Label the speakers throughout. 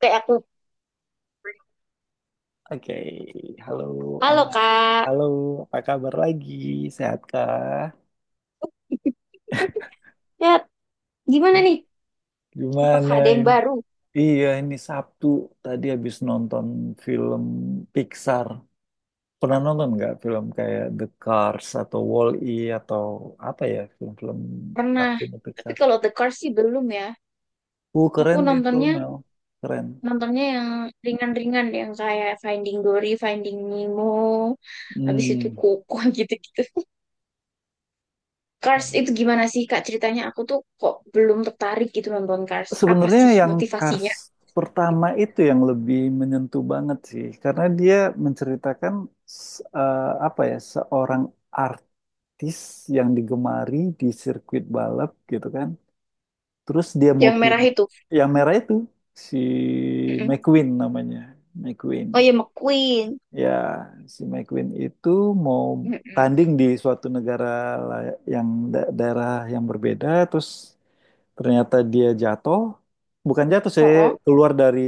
Speaker 1: Kayak aku,
Speaker 2: Oke, halo
Speaker 1: halo
Speaker 2: Alma.
Speaker 1: kak.
Speaker 2: Halo, apa kabar lagi? Sehatkah?
Speaker 1: ya, gimana nih? Apakah
Speaker 2: Gimana
Speaker 1: ada yang
Speaker 2: ini?
Speaker 1: baru?
Speaker 2: Iya, ini Sabtu tadi habis nonton film Pixar. Pernah nonton nggak film kayak The Cars atau Wall-E atau apa ya film-film
Speaker 1: Pernah.
Speaker 2: kartun
Speaker 1: Tapi
Speaker 2: Pixar?
Speaker 1: kalau The Cars sih belum ya.
Speaker 2: Uh,
Speaker 1: Aku
Speaker 2: keren itu
Speaker 1: nontonnya
Speaker 2: Mel, keren.
Speaker 1: nontonnya yang ringan-ringan yang kayak Finding Dory, Finding Nemo, habis itu
Speaker 2: Hmm.
Speaker 1: Koko gitu-gitu. Cars itu gimana sih Kak ceritanya? Aku tuh kok belum tertarik gitu nonton Cars. Apa
Speaker 2: Sebenarnya
Speaker 1: sih
Speaker 2: yang Cars
Speaker 1: motivasinya?
Speaker 2: pertama itu yang lebih menyentuh banget sih, karena dia menceritakan apa ya seorang artis yang digemari di sirkuit balap gitu kan. Terus dia mau
Speaker 1: Yang
Speaker 2: pin
Speaker 1: merah itu.
Speaker 2: yang merah itu si
Speaker 1: Mm-mm.
Speaker 2: McQueen namanya, McQueen.
Speaker 1: Oh ya, McQueen.
Speaker 2: Ya, si McQueen itu mau
Speaker 1: Mm-mm.
Speaker 2: tanding di suatu negara yang daerah yang berbeda, terus ternyata dia jatuh, bukan jatuh sih,
Speaker 1: Oh, oh.
Speaker 2: keluar dari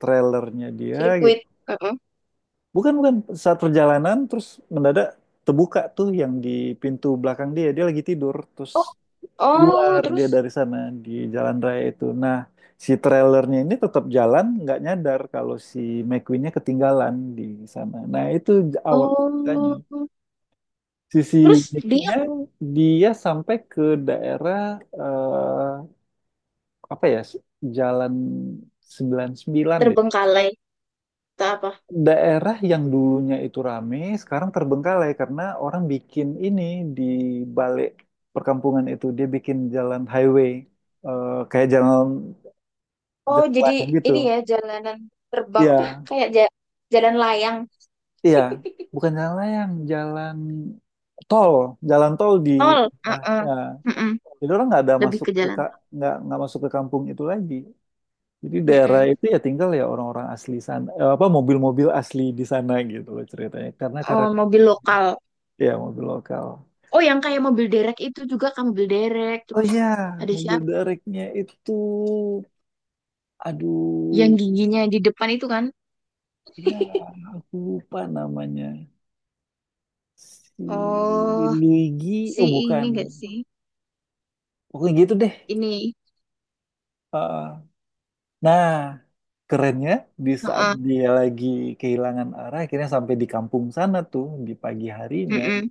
Speaker 2: trailernya dia gitu.
Speaker 1: Sirkuit. Oh, oh.
Speaker 2: Bukan, bukan, saat perjalanan terus mendadak terbuka tuh yang di pintu belakang dia, dia lagi tidur, terus
Speaker 1: Oh, oh,
Speaker 2: keluar dia
Speaker 1: terus?
Speaker 2: dari sana di jalan raya itu. Nah, si trailernya ini tetap jalan, nggak nyadar kalau si McQueen-nya ketinggalan di sana. Nah, itu awal ceritanya.
Speaker 1: Oh,
Speaker 2: Sisi
Speaker 1: terus dia
Speaker 2: uniknya dia sampai ke daerah eh, apa ya jalan 99 deh.
Speaker 1: terbengkalai atau apa?
Speaker 2: Daerah yang dulunya itu rame sekarang terbengkalai karena orang bikin ini di balik perkampungan itu dia bikin jalan highway, kayak jalan
Speaker 1: Oh,
Speaker 2: jalan
Speaker 1: jadi
Speaker 2: layang gitu.
Speaker 1: ini ya jalanan terbang apa
Speaker 2: Iya,
Speaker 1: kayak jalan layang.
Speaker 2: iya, bukan jalan layang, tol, jalan tol di
Speaker 1: Tol,
Speaker 2: sebelah.
Speaker 1: heeh.
Speaker 2: Ya.
Speaker 1: Heeh.
Speaker 2: Jadi orang nggak ada
Speaker 1: Lebih
Speaker 2: masuk
Speaker 1: ke
Speaker 2: ke
Speaker 1: jalan.
Speaker 2: nggak masuk ke kampung itu lagi. Jadi daerah
Speaker 1: Mm-mm.
Speaker 2: itu ya tinggal ya orang-orang asli sana, apa mobil-mobil asli di sana gitu loh ceritanya. Karena
Speaker 1: Oh,
Speaker 2: karakter
Speaker 1: mobil lokal.
Speaker 2: ya mobil lokal.
Speaker 1: Oh, yang kayak mobil derek itu juga kan mobil derek.
Speaker 2: Oh
Speaker 1: Terus
Speaker 2: iya,
Speaker 1: ada
Speaker 2: mobil
Speaker 1: siapa?
Speaker 2: dereknya itu, aduh,
Speaker 1: Yang giginya di depan itu kan?
Speaker 2: ya aku lupa namanya. Si
Speaker 1: Oh,
Speaker 2: Luigi,
Speaker 1: si
Speaker 2: oh
Speaker 1: ini
Speaker 2: bukan,
Speaker 1: gak sih?
Speaker 2: pokoknya gitu deh.
Speaker 1: Ini,
Speaker 2: Heeh. Nah, kerennya di saat
Speaker 1: heeh,
Speaker 2: dia lagi kehilangan arah, akhirnya sampai di kampung sana tuh di pagi harinya.
Speaker 1: heeh.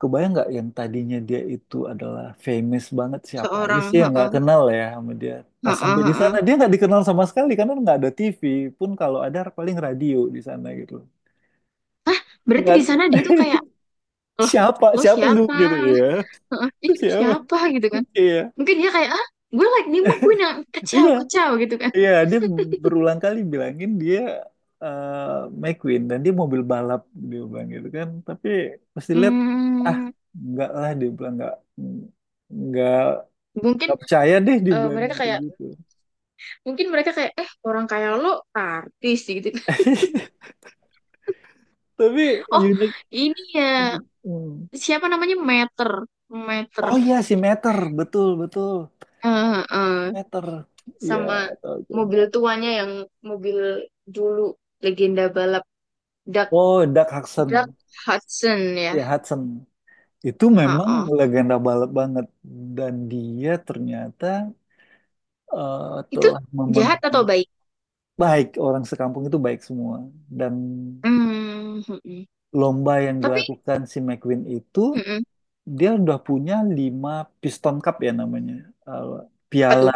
Speaker 2: Kebayang nggak yang tadinya dia itu adalah famous banget, siapa aja
Speaker 1: Seorang,
Speaker 2: sih yang nggak
Speaker 1: heeh,
Speaker 2: kenal ya sama dia. Pas
Speaker 1: heeh,
Speaker 2: sampai di
Speaker 1: heeh.
Speaker 2: sana dia nggak dikenal sama sekali karena nggak ada TV pun, kalau ada paling radio di sana gitu.
Speaker 1: Berarti
Speaker 2: Nggak
Speaker 1: di
Speaker 2: ada.
Speaker 1: sana dia tuh kayak, loh,
Speaker 2: Siapa
Speaker 1: lo
Speaker 2: siapa lu
Speaker 1: siapa?
Speaker 2: gitu ya,
Speaker 1: Heeh, "Ih, ini
Speaker 2: siapa.
Speaker 1: siapa gitu kan,
Speaker 2: Iya
Speaker 1: mungkin dia kayak ah, gue Lightning McQueen yang kacau
Speaker 2: iya
Speaker 1: kacau gitu kan."
Speaker 2: iya, dia berulang kali bilangin dia eh, McQueen dan dia mobil balap, dia bilang gitu kan, tapi pasti lihat ah
Speaker 1: Hmm,
Speaker 2: nggak lah. Dia bilang nggak
Speaker 1: mungkin
Speaker 2: nggak percaya deh
Speaker 1: eh,
Speaker 2: dibilang
Speaker 1: mereka kayak
Speaker 2: gitu-gitu.
Speaker 1: mungkin mereka kayak eh, orang kayak lo artis sih, gitu.
Speaker 2: Tapi
Speaker 1: Oh,
Speaker 2: unik.
Speaker 1: ini ya,
Speaker 2: Hmm.
Speaker 1: siapa namanya? Meter, Meter.
Speaker 2: Oh iya si Meter, betul betul.
Speaker 1: Eh, eh,
Speaker 2: Meter. Iya,
Speaker 1: sama
Speaker 2: tahu itu.
Speaker 1: mobil tuanya yang mobil dulu legenda balap, Doug
Speaker 2: Oh, Doug
Speaker 1: Doug
Speaker 2: Hudson.
Speaker 1: Hudson ya.
Speaker 2: Ya Hudson. Itu
Speaker 1: Oh,
Speaker 2: memang
Speaker 1: oh.
Speaker 2: legenda balap banget dan dia ternyata eh,
Speaker 1: Itu
Speaker 2: telah
Speaker 1: jahat
Speaker 2: memenang
Speaker 1: atau baik?
Speaker 2: baik orang sekampung itu baik semua dan
Speaker 1: Hmm, mm-mm.
Speaker 2: lomba yang
Speaker 1: Tapi
Speaker 2: dilakukan si McQueen itu,
Speaker 1: mm-mm.
Speaker 2: dia udah punya lima Piston Cup ya namanya. Eh,
Speaker 1: Apa
Speaker 2: piala
Speaker 1: tuh?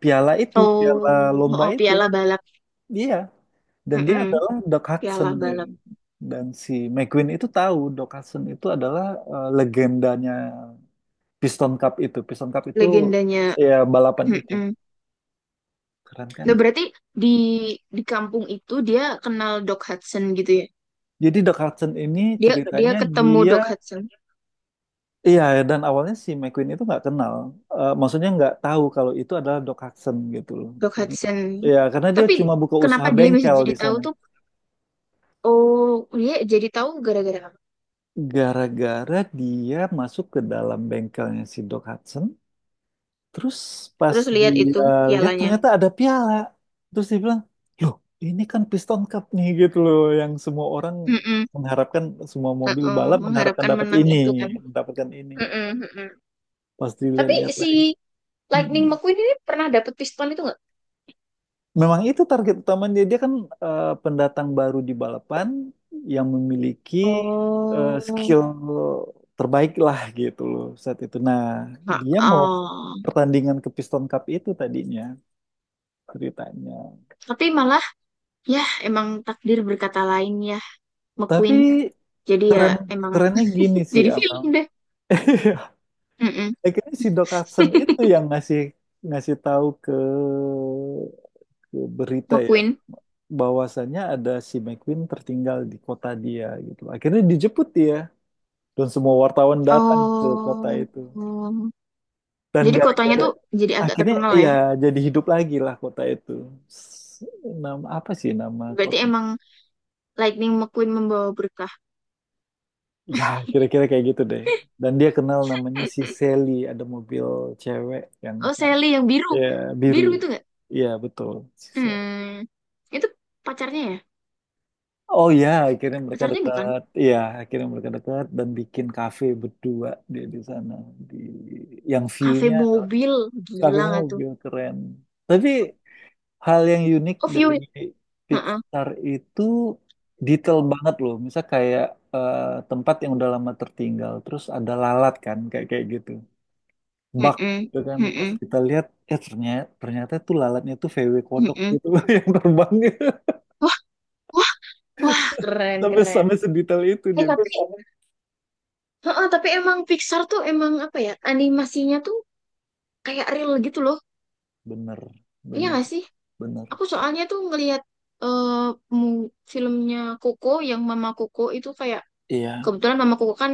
Speaker 2: piala itu, piala
Speaker 1: Oh,
Speaker 2: lomba
Speaker 1: oh,
Speaker 2: itu.
Speaker 1: piala balap.
Speaker 2: Iya, dan dia
Speaker 1: Mm-mm,
Speaker 2: adalah Doc Hudson.
Speaker 1: piala
Speaker 2: Ya.
Speaker 1: balap.
Speaker 2: Dan si McQueen itu tahu Doc Hudson itu adalah legendanya Piston Cup itu. Piston Cup itu
Speaker 1: Legendanya.
Speaker 2: ya balapan itu.
Speaker 1: Mm-mm.
Speaker 2: Keren
Speaker 1: Nah,
Speaker 2: kan?
Speaker 1: berarti di di kampung itu dia kenal Doc Hudson gitu ya.
Speaker 2: Jadi Doc Hudson ini
Speaker 1: Dia dia
Speaker 2: ceritanya
Speaker 1: ketemu
Speaker 2: dia.
Speaker 1: Doc Hudson.
Speaker 2: Iya, dan awalnya si McQueen itu nggak kenal. Eh, maksudnya nggak tahu kalau itu adalah Doc Hudson gitu loh.
Speaker 1: Doc
Speaker 2: Kan,
Speaker 1: Hudson.
Speaker 2: ya karena dia
Speaker 1: Tapi
Speaker 2: cuma buka usaha
Speaker 1: kenapa dia bisa
Speaker 2: bengkel di
Speaker 1: jadi
Speaker 2: sana.
Speaker 1: tahu tuh? Oh, dia jadi tahu gara-gara apa?
Speaker 2: Gara-gara dia masuk ke dalam bengkelnya si Doc Hudson, terus pas
Speaker 1: Terus
Speaker 2: dia
Speaker 1: lihat itu
Speaker 2: lihat
Speaker 1: pialanya.
Speaker 2: ternyata ada piala, terus dia bilang, loh ini kan Piston Cup nih gitu loh, yang semua orang
Speaker 1: Mm-mm,
Speaker 2: mengharapkan, semua mobil
Speaker 1: uh-uh.
Speaker 2: balap mengharapkan
Speaker 1: Mengharapkan
Speaker 2: dapat
Speaker 1: menang
Speaker 2: ini,
Speaker 1: itu kan.
Speaker 2: mendapatkan ini. Gitu.
Speaker 1: Mm-mm, mm-mm.
Speaker 2: Pas
Speaker 1: Tapi
Speaker 2: dilihat-lihat
Speaker 1: si
Speaker 2: lagi,
Speaker 1: Lightning
Speaker 2: "Mm-mm."
Speaker 1: McQueen ini pernah dapat piston itu nggak?
Speaker 2: Memang itu target utamanya. Dia Dia kan pendatang baru di balapan yang memiliki
Speaker 1: Oh,
Speaker 2: skill terbaik lah gitu loh saat itu. Nah,
Speaker 1: ah,
Speaker 2: dia mau
Speaker 1: ah.
Speaker 2: pertandingan ke Piston Cup itu tadinya ceritanya.
Speaker 1: Tapi malah ya emang takdir berkata lain ya,
Speaker 2: Tapi
Speaker 1: McQueen. Jadi ya
Speaker 2: keren
Speaker 1: emang
Speaker 2: kerennya gini sih,
Speaker 1: jadi film
Speaker 2: Abang.
Speaker 1: deh. Mm-mm,
Speaker 2: Akhirnya si Doc Hudson itu yang ngasih ngasih tahu ke berita ya
Speaker 1: McQueen.
Speaker 2: bahwasannya ada si McQueen tertinggal di kota dia gitu. Akhirnya dijemput dia dan semua wartawan datang ke kota
Speaker 1: Oh.
Speaker 2: itu dan
Speaker 1: Jadi kotanya
Speaker 2: gara-gara
Speaker 1: tuh jadi agak
Speaker 2: akhirnya
Speaker 1: terkenal ya.
Speaker 2: ya jadi hidup lagi lah kota itu. S- nama apa sih nama
Speaker 1: Berarti
Speaker 2: kota,
Speaker 1: emang Lightning McQueen membawa berkah.
Speaker 2: ya kira-kira kayak gitu deh, dan dia kenal namanya si Sally, ada mobil cewek yang
Speaker 1: Oh,
Speaker 2: cantik,
Speaker 1: Sally yang biru.
Speaker 2: ya biru.
Speaker 1: Biru itu nggak.
Speaker 2: Iya betul si Sally.
Speaker 1: Hmm. Itu pacarnya ya?
Speaker 2: Oh ya, akhirnya mereka
Speaker 1: Pacarnya bukan.
Speaker 2: dekat. Iya, akhirnya mereka dekat dan bikin kafe berdua dia di sana di yang
Speaker 1: Kafe
Speaker 2: view-nya
Speaker 1: mobil.
Speaker 2: kafe
Speaker 1: Gila nggak tuh?
Speaker 2: mobil keren. Tapi hal yang unik
Speaker 1: Oh, view.
Speaker 2: dari
Speaker 1: Heeh.
Speaker 2: Pixar itu detail banget loh. Misal kayak eh, tempat yang udah lama tertinggal, terus ada lalat kan, kayak kayak gitu. Bak
Speaker 1: Heeh.
Speaker 2: gitu kan, pas
Speaker 1: Heeh.
Speaker 2: kita lihat, ternyata ternyata tuh lalatnya tuh VW kodok
Speaker 1: Heeh.
Speaker 2: gitu yang terbang gitu
Speaker 1: Wah, wah, wah, keren,
Speaker 2: sampai
Speaker 1: keren.
Speaker 2: sampai sedetail itu
Speaker 1: Eh,
Speaker 2: dia.
Speaker 1: tapi heeh, tapi emang Pixar tuh emang apa ya, animasinya tuh kayak real gitu loh,
Speaker 2: Bener,
Speaker 1: iya
Speaker 2: bener,
Speaker 1: gak sih?
Speaker 2: bener.
Speaker 1: Aku soalnya tuh ngelihat eh, filmnya Koko yang Mama Koko itu kayak,
Speaker 2: Iya,
Speaker 1: kebetulan Mama Koko kan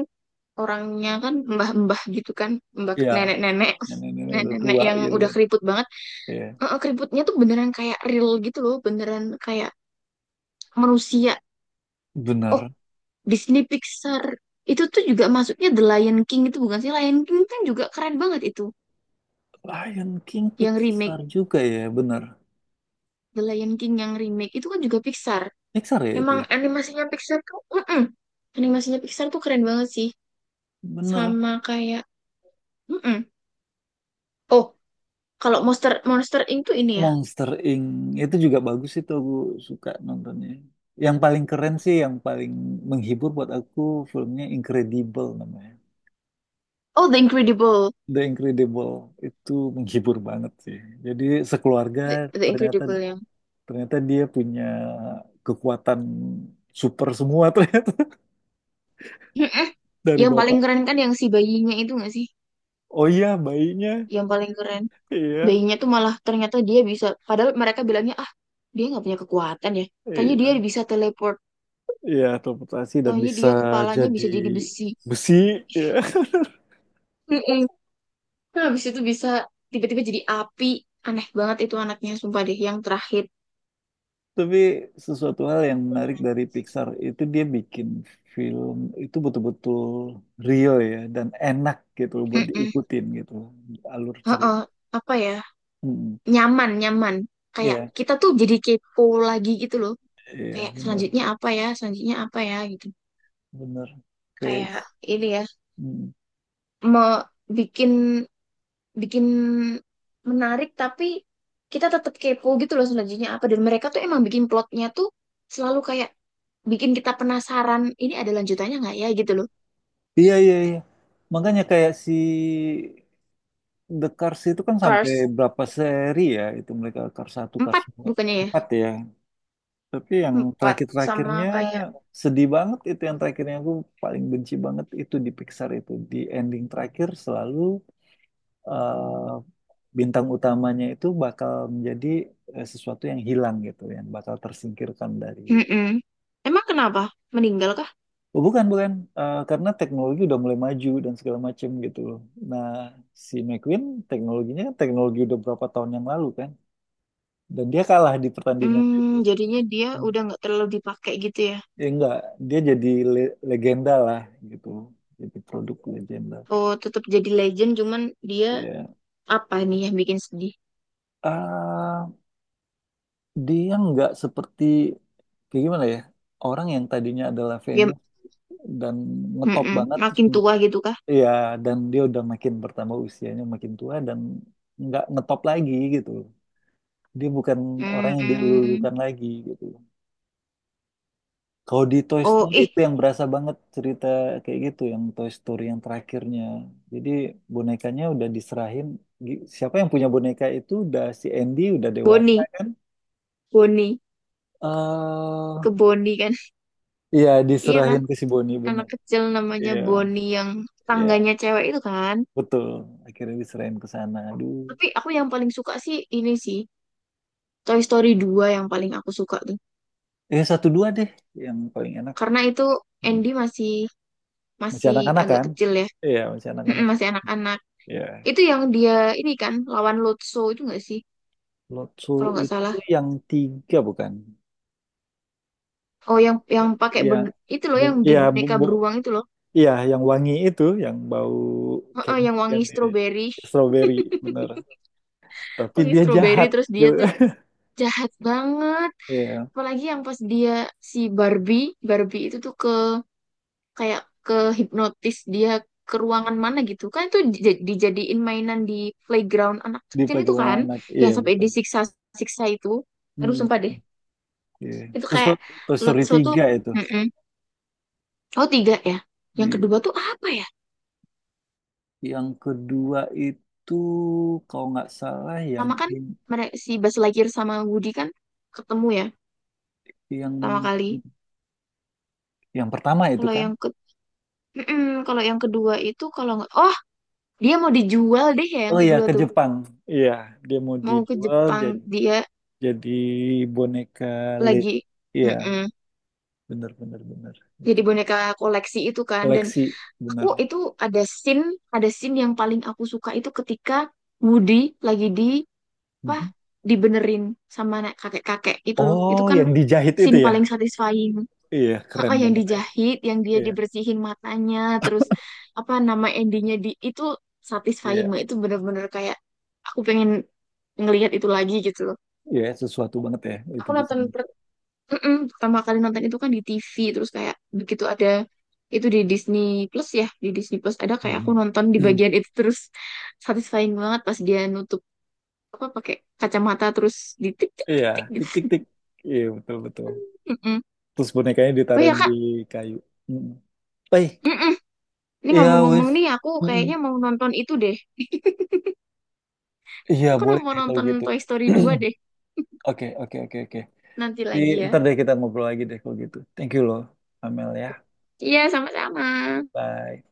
Speaker 1: orangnya kan mbah-mbah gitu kan, mbah
Speaker 2: iya.
Speaker 1: nenek-nenek,
Speaker 2: Nenek-nenek udah
Speaker 1: nenek-nenek
Speaker 2: tua
Speaker 1: yang
Speaker 2: gitu
Speaker 1: udah
Speaker 2: kan.
Speaker 1: keriput banget.
Speaker 2: Iya,
Speaker 1: Heeh, keriputnya tuh beneran kayak real gitu loh, beneran kayak manusia. Oh,
Speaker 2: bener.
Speaker 1: Disney Pixar itu tuh juga masuknya The Lion King itu bukan sih? Lion King kan juga keren banget itu,
Speaker 2: Lion King
Speaker 1: yang remake.
Speaker 2: Pixar juga ya, bener.
Speaker 1: The Lion King yang remake itu kan juga Pixar.
Speaker 2: Pixar ya itu
Speaker 1: Emang
Speaker 2: ya.
Speaker 1: animasinya Pixar tuh, mm-mm. Animasinya Pixar tuh keren banget sih.
Speaker 2: Bener.
Speaker 1: Sama kayak, mm-mm. Oh, kalau Monster Monster Inc tuh ini ya.
Speaker 2: Monster Inc. itu juga bagus, itu aku suka nontonnya. Yang paling keren sih, yang paling menghibur buat aku filmnya Incredible namanya.
Speaker 1: Oh, The Incredible.
Speaker 2: The Incredible itu menghibur banget sih. Jadi sekeluarga
Speaker 1: The, The
Speaker 2: ternyata
Speaker 1: Incredible yang,
Speaker 2: ternyata dia punya kekuatan super semua ternyata
Speaker 1: mm-mm.
Speaker 2: dari
Speaker 1: Yang paling
Speaker 2: bapak.
Speaker 1: keren kan yang si bayinya itu nggak sih?
Speaker 2: Oh iya bayinya,
Speaker 1: Yang paling keren.
Speaker 2: iya
Speaker 1: Bayinya tuh malah ternyata dia bisa. Padahal mereka bilangnya ah, dia nggak punya kekuatan ya. Tanya dia
Speaker 2: iya
Speaker 1: bisa teleport.
Speaker 2: iya teleportasi dan
Speaker 1: Tanya
Speaker 2: bisa
Speaker 1: dia kepalanya
Speaker 2: jadi
Speaker 1: bisa jadi besi.
Speaker 2: besi. Iya.
Speaker 1: Terus habis itu bisa tiba-tiba jadi api. Aneh banget itu anaknya, sumpah deh. Yang terakhir.
Speaker 2: Tapi sesuatu hal yang menarik dari Pixar itu dia bikin film itu betul-betul real ya dan enak gitu loh buat
Speaker 1: Mm-mm.
Speaker 2: diikutin gitu loh, alur cerita.
Speaker 1: Heeh. Apa ya?
Speaker 2: Mm.
Speaker 1: Nyaman, nyaman. Kayak
Speaker 2: Iya,
Speaker 1: kita tuh jadi kepo lagi gitu loh.
Speaker 2: iya
Speaker 1: Kayak
Speaker 2: benar,
Speaker 1: selanjutnya apa ya? Selanjutnya apa ya? Gitu.
Speaker 2: benar. Kayak
Speaker 1: Kayak ini ya.
Speaker 2: mm.
Speaker 1: Mau bikin bikin menarik tapi kita tetap kepo gitu loh, selanjutnya apa. Dan mereka tuh emang bikin plotnya tuh selalu kayak bikin kita penasaran. Ini ada lanjutannya nggak ya gitu loh.
Speaker 2: Iya, iya, iya. Makanya kayak si The Cars itu kan sampai
Speaker 1: Cars
Speaker 2: berapa seri ya itu mereka Cars satu Cars
Speaker 1: empat
Speaker 2: 2,
Speaker 1: bukannya ya?
Speaker 2: 4 ya. Tapi yang
Speaker 1: Empat sama
Speaker 2: terakhir-terakhirnya
Speaker 1: kayak,
Speaker 2: sedih banget, itu yang terakhirnya aku paling benci banget itu di Pixar itu. Di ending terakhir selalu eh, bintang utamanya itu bakal menjadi sesuatu yang hilang gitu, yang bakal tersingkirkan dari.
Speaker 1: mm-mm. Emang kenapa? Meninggal kah?
Speaker 2: Oh, bukan bukan. Eh, karena teknologi udah mulai maju dan segala macem gitu loh. Nah, si McQueen teknologinya, teknologi udah berapa tahun yang lalu kan, dan dia kalah di pertandingan itu.
Speaker 1: Hmm, jadinya dia udah nggak terlalu dipakai gitu ya.
Speaker 2: Ya enggak, dia jadi legenda lah gitu, jadi produk legenda
Speaker 1: Oh, tetap jadi legend, cuman dia
Speaker 2: ya.
Speaker 1: apa nih yang bikin sedih?
Speaker 2: Ah, dia nggak seperti, kayak gimana ya, orang yang tadinya adalah
Speaker 1: Ya,
Speaker 2: famous dan ngetop
Speaker 1: mm-mm,
Speaker 2: banget terus
Speaker 1: makin tua gitu kah?
Speaker 2: ya, dan dia udah makin bertambah usianya makin tua dan nggak ngetop lagi gitu, dia bukan orang yang
Speaker 1: Hmm.
Speaker 2: dilulukan lagi gitu. Kalau di Toy
Speaker 1: Oh,
Speaker 2: Story
Speaker 1: ih,
Speaker 2: itu yang berasa banget cerita kayak gitu, yang Toy Story yang terakhirnya. Jadi bonekanya udah diserahin. Siapa yang punya boneka itu udah si Andy udah dewasa
Speaker 1: Bonnie,
Speaker 2: kan?
Speaker 1: Bonnie,
Speaker 2: eh
Speaker 1: ke Bonnie kan?
Speaker 2: iya
Speaker 1: Iya kan?
Speaker 2: diserahin ke si Bonnie
Speaker 1: Anak
Speaker 2: bener.
Speaker 1: kecil namanya
Speaker 2: Iya,
Speaker 1: Bonnie yang
Speaker 2: iya
Speaker 1: tangganya cewek itu kan?
Speaker 2: betul. Akhirnya diserahin ke sana. Aduh,
Speaker 1: Tapi aku yang paling suka sih ini sih, Toy Story 2 yang paling aku suka tuh.
Speaker 2: satu dua deh yang paling enak.
Speaker 1: Karena itu
Speaker 2: Hmm.
Speaker 1: Andy masih
Speaker 2: Masih
Speaker 1: masih
Speaker 2: anak-anak
Speaker 1: agak
Speaker 2: kan?
Speaker 1: kecil ya,
Speaker 2: Iya masih
Speaker 1: mm-mm,
Speaker 2: anak-anak.
Speaker 1: masih anak-anak.
Speaker 2: Iya.
Speaker 1: Itu yang dia ini kan lawan Lotso itu nggak sih?
Speaker 2: Lotso
Speaker 1: Kalau nggak
Speaker 2: itu
Speaker 1: salah.
Speaker 2: yang tiga bukan?
Speaker 1: Oh, yang pakai
Speaker 2: Yang,
Speaker 1: itu loh, yang di
Speaker 2: iya.
Speaker 1: boneka beruang itu loh.
Speaker 2: Iya, yang wangi itu, yang bau
Speaker 1: Heeh,
Speaker 2: candy
Speaker 1: yang
Speaker 2: kan
Speaker 1: wangi
Speaker 2: ya,
Speaker 1: stroberi.
Speaker 2: strawberry bener. Tapi
Speaker 1: Wangi
Speaker 2: dia
Speaker 1: stroberi
Speaker 2: jahat
Speaker 1: terus dia
Speaker 2: gitu.
Speaker 1: tuh jahat banget.
Speaker 2: Iya,
Speaker 1: Apalagi yang pas dia si Barbie, Barbie itu tuh ke kayak ke hipnotis dia ke ruangan mana gitu. Kan itu dijadiin mainan di playground anak
Speaker 2: di
Speaker 1: kecil itu
Speaker 2: playground
Speaker 1: kan,
Speaker 2: anak. Iya
Speaker 1: yang sampai
Speaker 2: betul.
Speaker 1: disiksa-siksa itu. Aduh,
Speaker 2: Hmm,
Speaker 1: sumpah deh.
Speaker 2: iya.
Speaker 1: Itu
Speaker 2: Terus
Speaker 1: kayak
Speaker 2: Toy Story
Speaker 1: Lutfi tuh,
Speaker 2: tiga itu.
Speaker 1: mm-mm. Oh, tiga ya. Yang
Speaker 2: Iya.
Speaker 1: kedua tuh apa ya?
Speaker 2: Yang kedua itu kalau nggak salah, yang
Speaker 1: Pertama kan mereka si Buzz Lightyear sama Woody kan ketemu ya pertama
Speaker 2: yang
Speaker 1: kali.
Speaker 2: yang pertama itu
Speaker 1: Kalau
Speaker 2: kan.
Speaker 1: yang ke mm-mm, kalau yang kedua itu kalau nggak, oh dia mau dijual deh ya, yang
Speaker 2: Oh iya
Speaker 1: kedua
Speaker 2: ke
Speaker 1: tuh
Speaker 2: Jepang. Iya, dia mau
Speaker 1: mau ke
Speaker 2: dijual
Speaker 1: Jepang
Speaker 2: jadi
Speaker 1: dia,
Speaker 2: jadi boneka Lego.
Speaker 1: lagi
Speaker 2: Iya,
Speaker 1: mm-mm,
Speaker 2: bener bener bener. Itu
Speaker 1: jadi boneka koleksi itu kan. Dan
Speaker 2: koleksi
Speaker 1: aku
Speaker 2: bener.
Speaker 1: itu ada scene yang paling aku suka itu ketika Woody lagi di apa,
Speaker 2: Hmm.
Speaker 1: dibenerin sama anak kakek-kakek itu loh. Itu
Speaker 2: Oh,
Speaker 1: kan
Speaker 2: yang dijahit itu
Speaker 1: scene
Speaker 2: ya?
Speaker 1: paling satisfying.
Speaker 2: Iya,
Speaker 1: Ah,
Speaker 2: keren
Speaker 1: yang
Speaker 2: banget ya.
Speaker 1: dijahit, yang dia
Speaker 2: Iya,
Speaker 1: dibersihin matanya, terus apa nama endingnya di itu, satisfying
Speaker 2: iya,
Speaker 1: banget. Itu bener-bener kayak aku pengen ngelihat itu lagi gitu loh.
Speaker 2: iya, sesuatu banget ya itu
Speaker 1: Aku
Speaker 2: di
Speaker 1: nonton
Speaker 2: sana.
Speaker 1: mm-mm, pertama kali nonton itu kan di TV, terus kayak begitu ada itu di Disney Plus ya, di Disney Plus ada kayak aku
Speaker 2: Mhm.
Speaker 1: nonton di bagian itu terus satisfying banget pas dia nutup apa pakai kacamata terus ditik tik
Speaker 2: Iya,
Speaker 1: tik tik
Speaker 2: tik tik
Speaker 1: gitu.
Speaker 2: tik. Iya, betul betul. Terus bonekanya
Speaker 1: Oh ya
Speaker 2: ditaruhin di
Speaker 1: Kak,
Speaker 2: kayu. Mhm. Eh,
Speaker 1: mm-mm. Ini
Speaker 2: iya
Speaker 1: ngomong-ngomong
Speaker 2: wes.
Speaker 1: nih aku kayaknya
Speaker 2: Mhm.
Speaker 1: mau nonton itu deh.
Speaker 2: Iya,
Speaker 1: Aku
Speaker 2: boleh
Speaker 1: mau
Speaker 2: deh kalau
Speaker 1: nonton
Speaker 2: gitu.
Speaker 1: Toy Story 2 deh
Speaker 2: Oke, oke, oke, oke.
Speaker 1: nanti lagi ya.
Speaker 2: Ntar deh kita ngobrol lagi deh kalau gitu. Thank you loh, Amel ya.
Speaker 1: Iya, sama-sama.
Speaker 2: Bye.